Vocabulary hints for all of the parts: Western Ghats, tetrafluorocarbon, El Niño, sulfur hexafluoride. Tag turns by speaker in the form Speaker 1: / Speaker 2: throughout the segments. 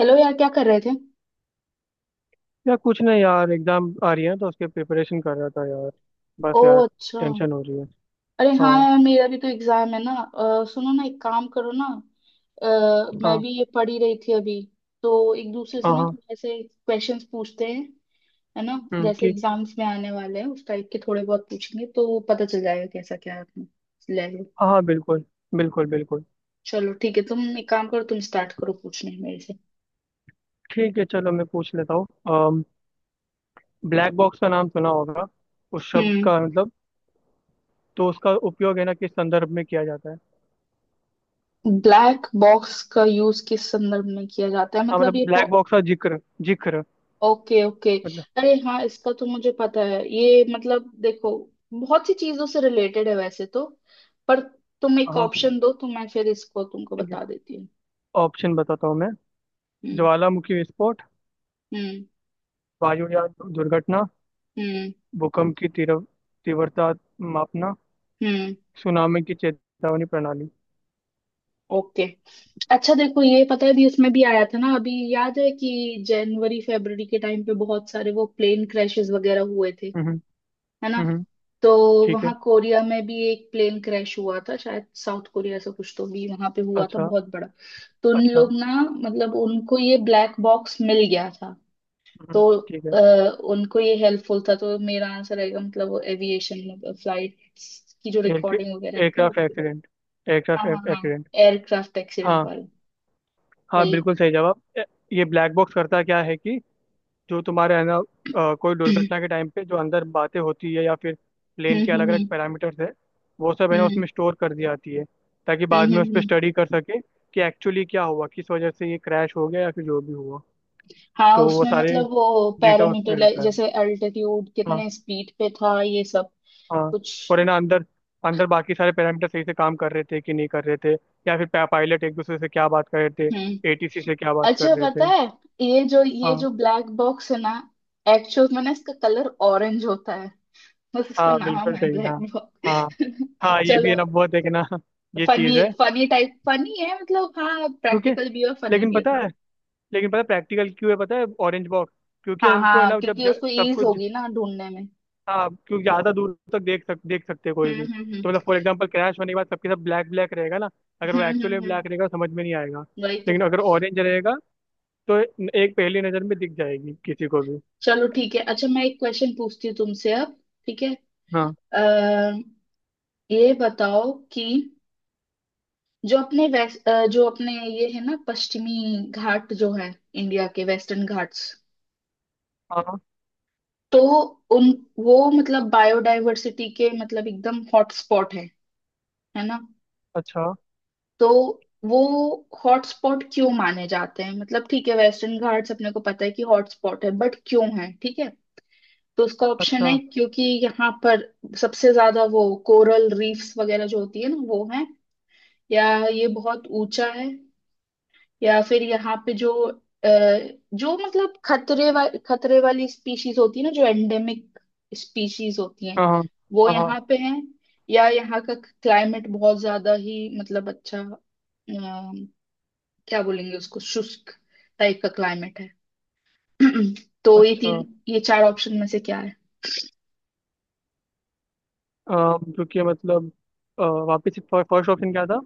Speaker 1: Hello यार, क्या कर रहे थे।
Speaker 2: यार कुछ नहीं, यार एग्जाम आ रही है तो उसके प्रिपरेशन कर रहा था यार।
Speaker 1: ओ
Speaker 2: बस यार,
Speaker 1: अच्छा।
Speaker 2: टेंशन हो रही है।
Speaker 1: अरे हाँ
Speaker 2: हाँ।
Speaker 1: यार, मेरा भी तो एग्जाम है ना। सुनो ना, एक काम करो ना। मैं
Speaker 2: हाँ।
Speaker 1: भी ये पढ़ ही रही थी अभी। तो एक दूसरे से
Speaker 2: हाँ।
Speaker 1: ना
Speaker 2: हाँ।
Speaker 1: थोड़े ऐसे क्वेश्चंस पूछते हैं, है ना।
Speaker 2: हम्म,
Speaker 1: जैसे
Speaker 2: ठीक।
Speaker 1: एग्जाम्स में आने वाले हैं उस टाइप के थोड़े बहुत पूछेंगे तो पता चल जाएगा कैसा क्या है अपना लेवल।
Speaker 2: हाँ हाँ, बिल्कुल। बिल्कुल बिल्कुल।
Speaker 1: चलो ठीक है, तुम एक काम करो, तुम स्टार्ट करो पूछने मेरे से।
Speaker 2: ठीक है, चलो मैं पूछ लेता हूँ। ब्लैक बॉक्स का नाम सुना होगा, उस शब्द
Speaker 1: हम्म।
Speaker 2: का मतलब तो उसका उपयोग है ना किस संदर्भ में किया जाता है।
Speaker 1: ब्लैक बॉक्स का यूज किस संदर्भ में किया जाता है
Speaker 2: हाँ
Speaker 1: मतलब
Speaker 2: मतलब
Speaker 1: ये।
Speaker 2: ब्लैक बॉक्स का जिक्र, जिक्र
Speaker 1: ओके ओके।
Speaker 2: मतलब।
Speaker 1: अरे हाँ, इसका तो मुझे पता है। ये मतलब देखो, बहुत सी चीजों से रिलेटेड है वैसे तो। पर तुम एक
Speaker 2: हाँ,
Speaker 1: ऑप्शन दो तो मैं फिर इसको तुमको
Speaker 2: ठीक है।
Speaker 1: बता देती हूँ।
Speaker 2: ऑप्शन बताता हूँ मैं।
Speaker 1: हम्म।
Speaker 2: ज्वालामुखी विस्फोट,
Speaker 1: हम्म।
Speaker 2: वायुयान दुर्घटना,
Speaker 1: हम्म।
Speaker 2: भूकंप की तीव्र तीव्रता मापना,
Speaker 1: हम्म।
Speaker 2: सुनामी की चेतावनी प्रणाली।
Speaker 1: ओके। अच्छा देखो, ये पता है भी, इसमें भी आया था ना अभी, याद है कि जनवरी फरवरी के टाइम पे बहुत सारे वो प्लेन क्रैशेस वगैरह हुए थे,
Speaker 2: हम्म।
Speaker 1: है ना।
Speaker 2: हम्म।
Speaker 1: तो
Speaker 2: ठीक है।
Speaker 1: वहां कोरिया में भी एक प्लेन क्रैश हुआ था शायद, साउथ कोरिया से कुछ तो भी वहां पे हुआ था
Speaker 2: अच्छा।
Speaker 1: बहुत बड़ा। तो उन
Speaker 2: अच्छा।
Speaker 1: लोग ना, मतलब उनको ये ब्लैक बॉक्स मिल गया था।
Speaker 2: हम्म।
Speaker 1: तो
Speaker 2: ठीक है।
Speaker 1: अ, उनको ये हेल्पफुल था तो मेरा आंसर रहेगा, मतलब वो एविएशन में फ्लाइट्स की जो
Speaker 2: एयर
Speaker 1: रिकॉर्डिंग वगैरह थी
Speaker 2: एयरक्राफ्ट
Speaker 1: उसके।
Speaker 2: एक्सीडेंट।
Speaker 1: हाँ हाँ
Speaker 2: एयरक्राफ्ट
Speaker 1: हाँ,
Speaker 2: एक्सीडेंट।
Speaker 1: एयरक्राफ्ट एक्सीडेंट
Speaker 2: हाँ
Speaker 1: वाला
Speaker 2: हाँ,
Speaker 1: वही।
Speaker 2: बिल्कुल सही जवाब। ये ब्लैक बॉक्स करता क्या है कि जो तुम्हारे है ना कोई दुर्घटना के टाइम पे जो अंदर बातें होती है, या फिर प्लेन के अलग अलग
Speaker 1: हम्म।
Speaker 2: पैरामीटर्स है, वो सब है ना उसमें
Speaker 1: हम्म
Speaker 2: स्टोर कर दी जाती है, ताकि बाद में उस पर
Speaker 1: हम्म।
Speaker 2: स्टडी कर सके कि एक्चुअली क्या हुआ, किस वजह से ये क्रैश हो गया या फिर जो भी हुआ।
Speaker 1: हाँ
Speaker 2: तो वो
Speaker 1: उसमें
Speaker 2: सारे
Speaker 1: मतलब वो
Speaker 2: डेटा उस पर
Speaker 1: पैरामीटर
Speaker 2: रहता है।
Speaker 1: जैसे अल्टीट्यूड,
Speaker 2: हाँ।
Speaker 1: कितने स्पीड पे था, ये सब
Speaker 2: हाँ।
Speaker 1: कुछ।
Speaker 2: और है ना अंदर अंदर बाकी सारे पैरामीटर सही से काम कर रहे थे कि नहीं कर रहे थे, या फिर पायलट एक दूसरे से क्या बात कर रहे थे,
Speaker 1: हम्म।
Speaker 2: ATC से क्या बात कर
Speaker 1: अच्छा
Speaker 2: रहे
Speaker 1: पता
Speaker 2: थे।
Speaker 1: है, ये
Speaker 2: हाँ
Speaker 1: जो ब्लैक बॉक्स है ना, एक्चुअल में ना इसका कलर ऑरेंज होता है। बस इसका
Speaker 2: हाँ,
Speaker 1: नाम
Speaker 2: बिल्कुल
Speaker 1: है
Speaker 2: सही।
Speaker 1: ब्लैक
Speaker 2: हाँ हाँ।
Speaker 1: बॉक्स।
Speaker 2: हाँ, ये भी है
Speaker 1: चलो
Speaker 2: ना, बहुत है कि ना, ये
Speaker 1: फनी,
Speaker 2: चीज़ है।
Speaker 1: फनी टाइप, फनी है मतलब। हाँ
Speaker 2: क्योंकि
Speaker 1: प्रैक्टिकल भी है और फनी
Speaker 2: लेकिन
Speaker 1: भी है
Speaker 2: पता
Speaker 1: थोड़ा।
Speaker 2: है लेकिन पता है प्रैक्टिकल क्यों है, पता है? ऑरेंज बॉक्स, क्योंकि
Speaker 1: हाँ
Speaker 2: उनको है
Speaker 1: हाँ,
Speaker 2: ना जब
Speaker 1: क्योंकि उसको
Speaker 2: सब
Speaker 1: ईज
Speaker 2: कुछ।
Speaker 1: होगी ना ढूंढने में।
Speaker 2: हाँ, क्योंकि ज़्यादा दूर तक देख सकते हैं कोई भी।
Speaker 1: हम्म।
Speaker 2: तो मतलब फॉर एग्जाम्पल क्रैश होने के बाद सबके सब ब्लैक ब्लैक रहेगा ना, अगर वो
Speaker 1: हम्म
Speaker 2: एक्चुअली
Speaker 1: हम्म हम्म,
Speaker 2: ब्लैक रहेगा समझ में नहीं आएगा।
Speaker 1: वही तो।
Speaker 2: लेकिन अगर ऑरेंज रहेगा, तो एक पहली नजर में दिख जाएगी किसी को भी।
Speaker 1: चलो ठीक है, अच्छा मैं एक क्वेश्चन पूछती हूँ तुमसे अब, ठीक है।
Speaker 2: हाँ
Speaker 1: अः ये बताओ कि जो अपने वेस्ट जो अपने ये है ना पश्चिमी घाट जो है, इंडिया के वेस्टर्न घाट्स,
Speaker 2: हाँ।
Speaker 1: तो उन, वो मतलब बायोडायवर्सिटी के मतलब एकदम हॉटस्पॉट है ना।
Speaker 2: अच्छा।
Speaker 1: तो वो हॉटस्पॉट क्यों माने जाते हैं, मतलब ठीक है वेस्टर्न घाट्स अपने को पता है कि हॉटस्पॉट है बट क्यों है, ठीक है। तो उसका ऑप्शन
Speaker 2: अच्छा।
Speaker 1: है क्योंकि यहाँ पर सबसे ज्यादा वो कोरल रीफ्स वगैरह जो होती है ना वो है, या ये बहुत ऊंचा है, या फिर यहाँ पे जो अ, जो मतलब खतरे वाली स्पीशीज होती है ना जो एंडेमिक स्पीशीज होती हैं
Speaker 2: हाँ हाँ।
Speaker 1: वो
Speaker 2: हाँ हाँ।
Speaker 1: यहाँ पे हैं, या यहाँ का क्लाइमेट बहुत ज्यादा ही मतलब अच्छा, क्या बोलेंगे उसको, शुष्क टाइप का क्लाइमेट है। तो ये
Speaker 2: अच्छा।
Speaker 1: तीन, ये चार ऑप्शन में से क्या है।
Speaker 2: क्योंकि मतलब अ, वापस फर्स्ट ऑप्शन क्या था?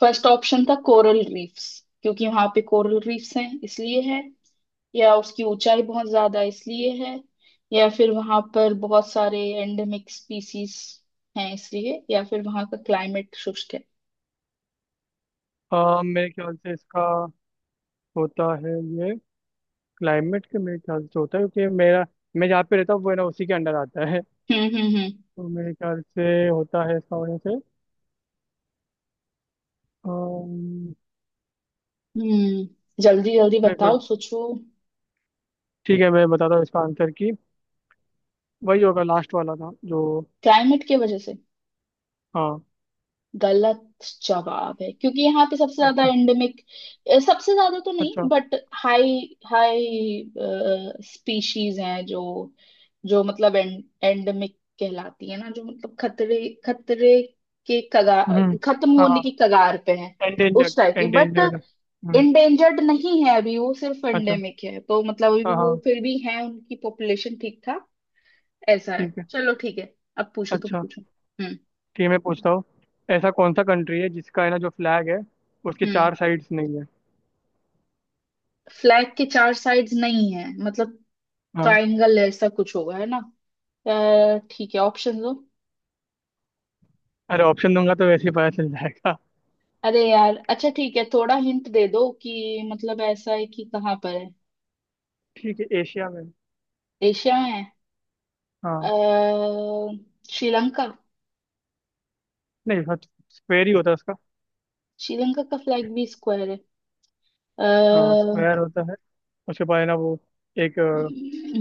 Speaker 1: फर्स्ट ऑप्शन था कोरल रीफ्स, क्योंकि वहां पे कोरल रीफ्स हैं इसलिए है, या उसकी ऊंचाई बहुत ज्यादा इसलिए है, या फिर वहां पर बहुत सारे एंडेमिक स्पीसीज हैं इसलिए, या फिर वहां का क्लाइमेट शुष्क है।
Speaker 2: मेरे ख्याल से इसका होता है ये, क्लाइमेट के मेरे ख्याल से होता है, क्योंकि मेरा, मैं जहाँ पे रहता हूँ वो है ना उसी के अंडर आता है।
Speaker 1: हम्म।
Speaker 2: तो मेरे ख्याल से होता है इसका वजह से। अम,
Speaker 1: जल्दी जल्दी
Speaker 2: मेरे
Speaker 1: बताओ,
Speaker 2: को
Speaker 1: सोचो।
Speaker 2: ठीक है, मैं बताता हूँ इसका आंसर की वही होगा लास्ट वाला था जो।
Speaker 1: क्लाइमेट की वजह से
Speaker 2: हाँ।
Speaker 1: गलत जवाब है, क्योंकि यहाँ पे सबसे ज्यादा
Speaker 2: अच्छा।
Speaker 1: एंडेमिक, सबसे ज्यादा तो
Speaker 2: अच्छा।
Speaker 1: नहीं बट हाई, हाई स्पीशीज हैं जो, जो मतलब एंडेमिक कहलाती है ना, जो मतलब खतरे, खतरे के कगार,
Speaker 2: हम्म।
Speaker 1: खत्म होने
Speaker 2: हाँ,
Speaker 1: की कगार पे है,
Speaker 2: एंडेंजर्ड
Speaker 1: उस टाइप की। But
Speaker 2: endangered. हम्म।
Speaker 1: इंडेंजर्ड नहीं है अभी वो, सिर्फ
Speaker 2: अच्छा।
Speaker 1: एंडेमिक है, तो मतलब अभी भी
Speaker 2: हाँ
Speaker 1: वो
Speaker 2: हाँ।
Speaker 1: फिर भी है, उनकी पॉपुलेशन ठीक ठाक ऐसा है।
Speaker 2: ठीक है।
Speaker 1: चलो ठीक है, अब पूछो तुम,
Speaker 2: अच्छा,
Speaker 1: पूछो। हम्म।
Speaker 2: ठीक है मैं पूछता हूँ। ऐसा कौन सा कंट्री है जिसका है ना जो फ्लैग है, उसके
Speaker 1: हम्म।
Speaker 2: चार साइड्स नहीं है।
Speaker 1: फ्लैग के चार साइड्स नहीं है मतलब
Speaker 2: हाँ।
Speaker 1: ट्रायंगल ऐसा कुछ होगा, है ना। ठीक है, ऑप्शन दो।
Speaker 2: अरे ऑप्शन दूंगा तो वैसे ही पता चल जाएगा।
Speaker 1: अरे यार, अच्छा ठीक है, थोड़ा हिंट दे दो कि मतलब ऐसा है कि कहाँ पर है।
Speaker 2: ठीक है, एशिया में।
Speaker 1: एशिया में है।
Speaker 2: हाँ।
Speaker 1: अ, श्रीलंका।
Speaker 2: नहीं, स्क्वायर ही होता है उसका।
Speaker 1: श्रीलंका का फ्लैग भी स्क्वायर है।
Speaker 2: हाँ
Speaker 1: अ,
Speaker 2: स्क्वायर होता है। उसके बाद है ना वो एक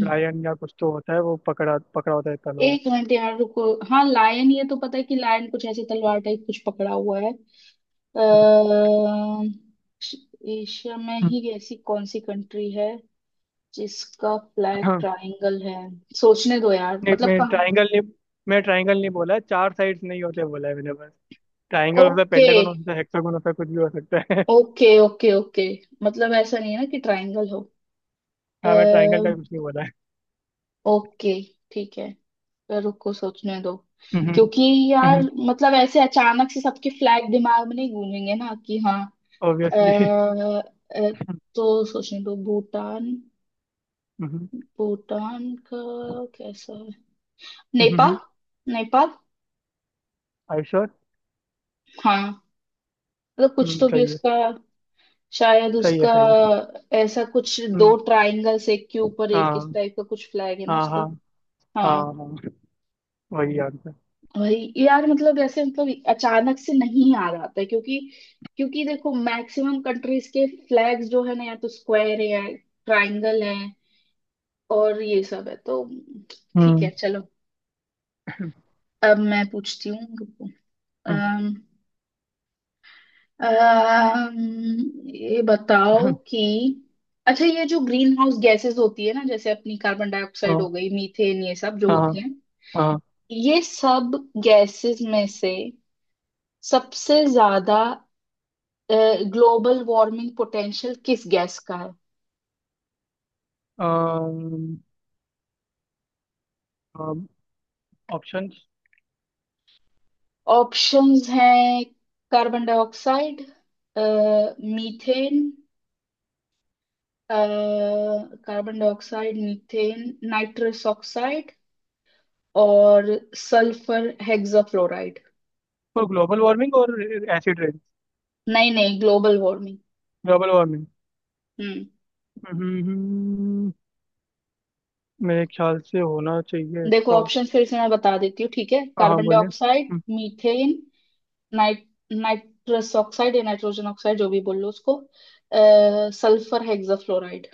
Speaker 2: लायन या कुछ तो होता है, वो पकड़ा पकड़ा होता है तलवार।
Speaker 1: एक मिनट यार, रुको। हाँ लायन ये तो पता है, कि लायन कुछ ऐसे तलवार टाइप कुछ पकड़ा हुआ है। अ,
Speaker 2: हम्म।
Speaker 1: एशिया में
Speaker 2: हम्म।
Speaker 1: ही ऐसी कौन सी कंट्री है जिसका ब्लैक
Speaker 2: हाँ।
Speaker 1: ट्रायंगल है। सोचने दो यार,
Speaker 2: नहीं,
Speaker 1: मतलब
Speaker 2: मैं
Speaker 1: कहाँ।
Speaker 2: ट्रायंगल नहीं, मैं ट्रायंगल नहीं बोला है, चार साइड्स नहीं होते बोला है मैंने बस। ट्राइंगल हो सकता है,
Speaker 1: ओके
Speaker 2: पेंटागन हो सकता है, हेक्सागन हो सकता है, कुछ भी हो सकता है
Speaker 1: ओके ओके ओके, मतलब ऐसा नहीं है ना कि ट्रायंगल हो।
Speaker 2: हाँ, मैं ट्राइंगल का
Speaker 1: अः
Speaker 2: कुछ नहीं बोला है।
Speaker 1: ओके ठीक है, तो रुको सोचने दो। क्योंकि यार मतलब ऐसे अचानक से सबके फ्लैग दिमाग में नहीं गूंजेंगे ना कि हाँ।
Speaker 2: ऑब्वियसली।
Speaker 1: अः तो सोचने दो, भूटान, भूटान का कैसा है, नेपाल, नेपाल।
Speaker 2: I sure.
Speaker 1: हाँ मतलब कुछ तो भी
Speaker 2: सही है,
Speaker 1: उसका शायद,
Speaker 2: सही है,
Speaker 1: उसका
Speaker 2: सही है।
Speaker 1: ऐसा कुछ दो
Speaker 2: हम्म।
Speaker 1: ट्रायंगल्स एक के ऊपर
Speaker 2: हाँ
Speaker 1: एक इस टाइप का कुछ फ्लैग है ना
Speaker 2: हाँ।
Speaker 1: उसका।
Speaker 2: हाँ हाँ।
Speaker 1: हाँ
Speaker 2: हाँ। वही आंसर।
Speaker 1: वही यार, मतलब ऐसे मतलब अचानक से नहीं याद आता है क्योंकि, क्योंकि देखो मैक्सिमम कंट्रीज के फ्लैग्स जो है ना या तो स्क्वायर है या ट्रायंगल है और ये सब है तो। ठीक
Speaker 2: हम्म।
Speaker 1: है चलो, अब मैं पूछती हूँ।
Speaker 2: हम्म।
Speaker 1: ये बताओ कि, अच्छा ये जो ग्रीन हाउस गैसेस होती है ना, जैसे अपनी कार्बन डाइऑक्साइड
Speaker 2: हाँ
Speaker 1: हो गई, मीथेन, ये सब जो
Speaker 2: हाँ।
Speaker 1: होती हैं,
Speaker 2: हाँ।
Speaker 1: ये सब गैसेस में से सबसे ज्यादा ग्लोबल वार्मिंग पोटेंशियल किस गैस का है।
Speaker 2: ऑप्शंस
Speaker 1: ऑप्शंस हैं, carbon dioxide, methane, carbon dioxide, methane, nitrous oxide, और sulphur hexafluoride.
Speaker 2: For global warming और एसिड रेन?
Speaker 1: नहीं नहीं, ग्लोबल वार्मिंग।
Speaker 2: Global warming.
Speaker 1: हम्म।
Speaker 2: हम्म, मेरे ख्याल से होना चाहिए
Speaker 1: देखो
Speaker 2: इसका।
Speaker 1: ऑप्शन फिर से मैं बता देती हूँ, ठीक है,
Speaker 2: हाँ हाँ
Speaker 1: कार्बन
Speaker 2: बोलिए।
Speaker 1: डाइऑक्साइड, मीथेन, नाइट्रस ऑक्साइड या नाइट्रोजन ऑक्साइड जो भी बोल लो उसको, सल्फर हेक्साफ्लोराइड।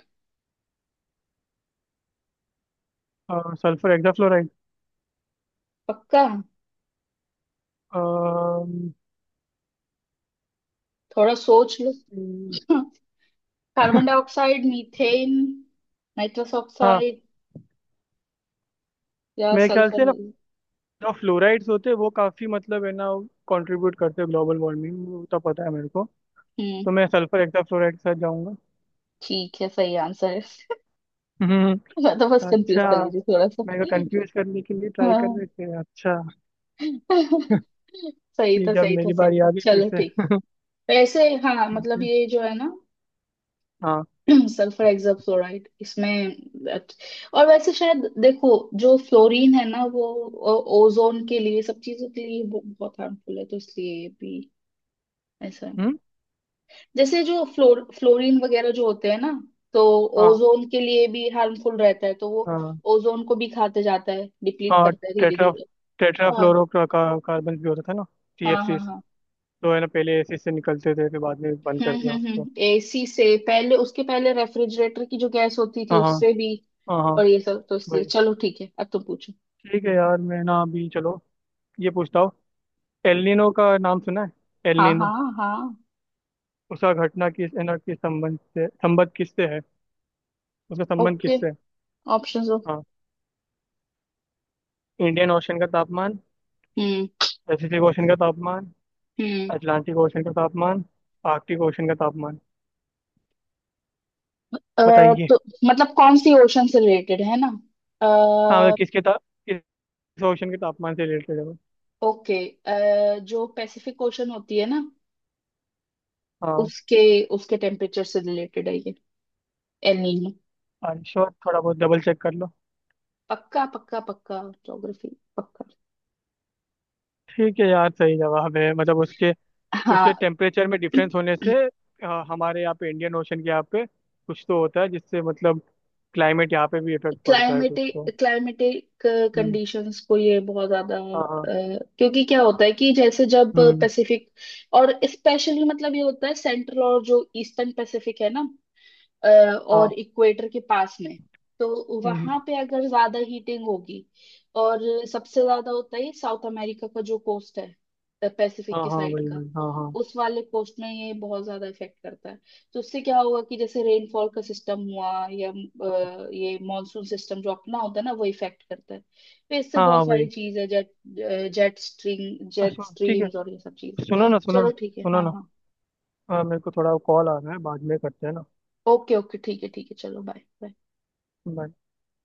Speaker 2: Sulphur hexafluoride.
Speaker 1: पक्का,
Speaker 2: अम्म,
Speaker 1: थोड़ा सोच लो।
Speaker 2: सी-
Speaker 1: कार्बन डाइऑक्साइड, मीथेन, नाइट्रस
Speaker 2: हाँ,
Speaker 1: ऑक्साइड या
Speaker 2: मेरे ख्याल
Speaker 1: सल्फर।
Speaker 2: से ना जो फ्लोराइड्स होते हैं वो काफी मतलब है ना, कंट्रीब्यूट करते हैं ग्लोबल वार्मिंग, वो तो पता है मेरे को।
Speaker 1: हम्म
Speaker 2: तो मैं सल्फर हेक्साफ्लोराइड के साथ जाऊंगा।
Speaker 1: ठीक है, सही आंसर है।
Speaker 2: हम्म।
Speaker 1: मैं तो बस कंफ्यूज
Speaker 2: अच्छा,
Speaker 1: कर रही थी थोड़ा सा।
Speaker 2: मेरे को कंफ्यूज करने के लिए ट्राई कर
Speaker 1: हाँ।
Speaker 2: रहे थे? अच्छा।
Speaker 1: सही था,
Speaker 2: ठीक है, अब
Speaker 1: सही था,
Speaker 2: मेरी
Speaker 1: सही
Speaker 2: बारी
Speaker 1: था,
Speaker 2: आ गई फिर
Speaker 1: चलो
Speaker 2: से।
Speaker 1: ठीक। वैसे हाँ
Speaker 2: ठीक
Speaker 1: मतलब
Speaker 2: है।
Speaker 1: ये जो है ना
Speaker 2: हाँ।
Speaker 1: सल्फर हेक्साफ्लोराइड इसमें that- और वैसे शायद देखो, जो फ्लोरीन है ना वो ओजोन के लिए, सब चीजों के लिए वो बहुत हार्मफुल है, तो इसलिए ये भी ऐसा है।
Speaker 2: हम्म।
Speaker 1: जैसे जो फ्लोरीन वगैरह जो होते हैं ना, तो
Speaker 2: हाँ
Speaker 1: ओजोन के लिए भी हार्मफुल रहता है, तो वो
Speaker 2: हाँ।
Speaker 1: ओजोन को भी खाते जाता है, डिप्लीट
Speaker 2: हाँ।
Speaker 1: करता है धीरे
Speaker 2: टेट्रा
Speaker 1: धीरे। हाँ
Speaker 2: टेट्राफ्लोरो कार्बन भी होता था ना। टी एफ
Speaker 1: हाँ हाँ
Speaker 2: सी,
Speaker 1: हाँ।
Speaker 2: तो है ना, पहले एसिड से निकलते थे फिर बाद में बंद कर दिया उसको।
Speaker 1: हम्म, एसी से पहले, उसके पहले रेफ्रिजरेटर की जो गैस होती थी
Speaker 2: हाँ हाँ।
Speaker 1: उससे भी,
Speaker 2: हाँ हाँ।
Speaker 1: और ये सब, तो इसलिए।
Speaker 2: वही।
Speaker 1: चलो ठीक है, अब तुम पूछो।
Speaker 2: ठीक है यार, मैं ना अभी चलो ये पूछता हूँ। एलिनो का नाम सुना है?
Speaker 1: हाँ हाँ
Speaker 2: एलिनो
Speaker 1: हाँ।
Speaker 2: उसका घटना किस है ना किस संबंध से, संबंध किससे है? उसका संबंध
Speaker 1: ओके,
Speaker 2: किससे है?
Speaker 1: ऑप्शंस दो।
Speaker 2: हाँ। इंडियन ओशन का तापमान,
Speaker 1: हम्म
Speaker 2: पैसिफिक ओशन का तापमान,
Speaker 1: हम्म,
Speaker 2: अटलांटिक ओशन का तापमान, आर्कटिक ओशन का तापमान।
Speaker 1: अ,
Speaker 2: बताइए।
Speaker 1: तो मतलब कौन सी ओशन से रिलेटेड है ना।
Speaker 2: हाँ मतलब
Speaker 1: अ,
Speaker 2: किस ओशन के तापमान से रिलेटेड है वो।
Speaker 1: ओके, जो पैसिफिक ओशन होती है ना,
Speaker 2: हाँ।
Speaker 1: उसके, उसके टेम्परेचर से रिलेटेड है ये एल नीनो।
Speaker 2: आई श्योर, थोड़ा बहुत डबल चेक कर लो।
Speaker 1: पक्का पक्का पक्का, ज्योग्राफी पक्का।
Speaker 2: ठीक है यार सही जवाब है मतलब उसके, उसके
Speaker 1: हाँ।
Speaker 2: टेम्परेचर में डिफरेंस होने से हमारे यहाँ पे इंडियन ओशन के यहाँ पे कुछ तो होता है, जिससे मतलब क्लाइमेट यहाँ पे भी इफेक्ट पड़ता है कुछ
Speaker 1: क्लाइमेटिक,
Speaker 2: तो।
Speaker 1: Climatic
Speaker 2: hmm.
Speaker 1: कंडीशंस को ये बहुत ज्यादा
Speaker 2: हाँ हाँ।
Speaker 1: क्योंकि क्या होता है कि जैसे जब
Speaker 2: हम्म।
Speaker 1: पैसिफिक, और स्पेशली मतलब ये होता है सेंट्रल और जो ईस्टर्न पैसिफिक है ना,
Speaker 2: हाँ।
Speaker 1: और इक्वेटर के पास में, तो
Speaker 2: हम्म।
Speaker 1: वहां पे अगर ज्यादा हीटिंग होगी, और सबसे ज्यादा होता है साउथ अमेरिका का जो कोस्ट है, पैसिफिक
Speaker 2: हाँ
Speaker 1: के
Speaker 2: हाँ।
Speaker 1: साइड
Speaker 2: वही
Speaker 1: का,
Speaker 2: वही, हाँ हाँ।
Speaker 1: उस वाले कोस्ट में ये बहुत ज्यादा इफेक्ट करता है। तो उससे क्या होगा कि जैसे रेनफॉल का सिस्टम हुआ या ये मॉनसून सिस्टम जो अपना होता है ना वो इफेक्ट करता है, तो इससे
Speaker 2: हाँ हाँ।
Speaker 1: बहुत सारी
Speaker 2: वही।
Speaker 1: चीज है, जेट जेट स्ट्रीम, जेट
Speaker 2: अच्छा, ठीक है।
Speaker 1: स्ट्रीम्स और ये सब चीज।
Speaker 2: सुनो ना, सुनो
Speaker 1: चलो ठीक है,
Speaker 2: सुनो
Speaker 1: हाँ
Speaker 2: ना,
Speaker 1: हाँ।
Speaker 2: मेरे को थोड़ा कॉल आ रहा है, बाद में करते हैं ना।
Speaker 1: ओके ओके ठीक है चलो, बाय।
Speaker 2: Bye।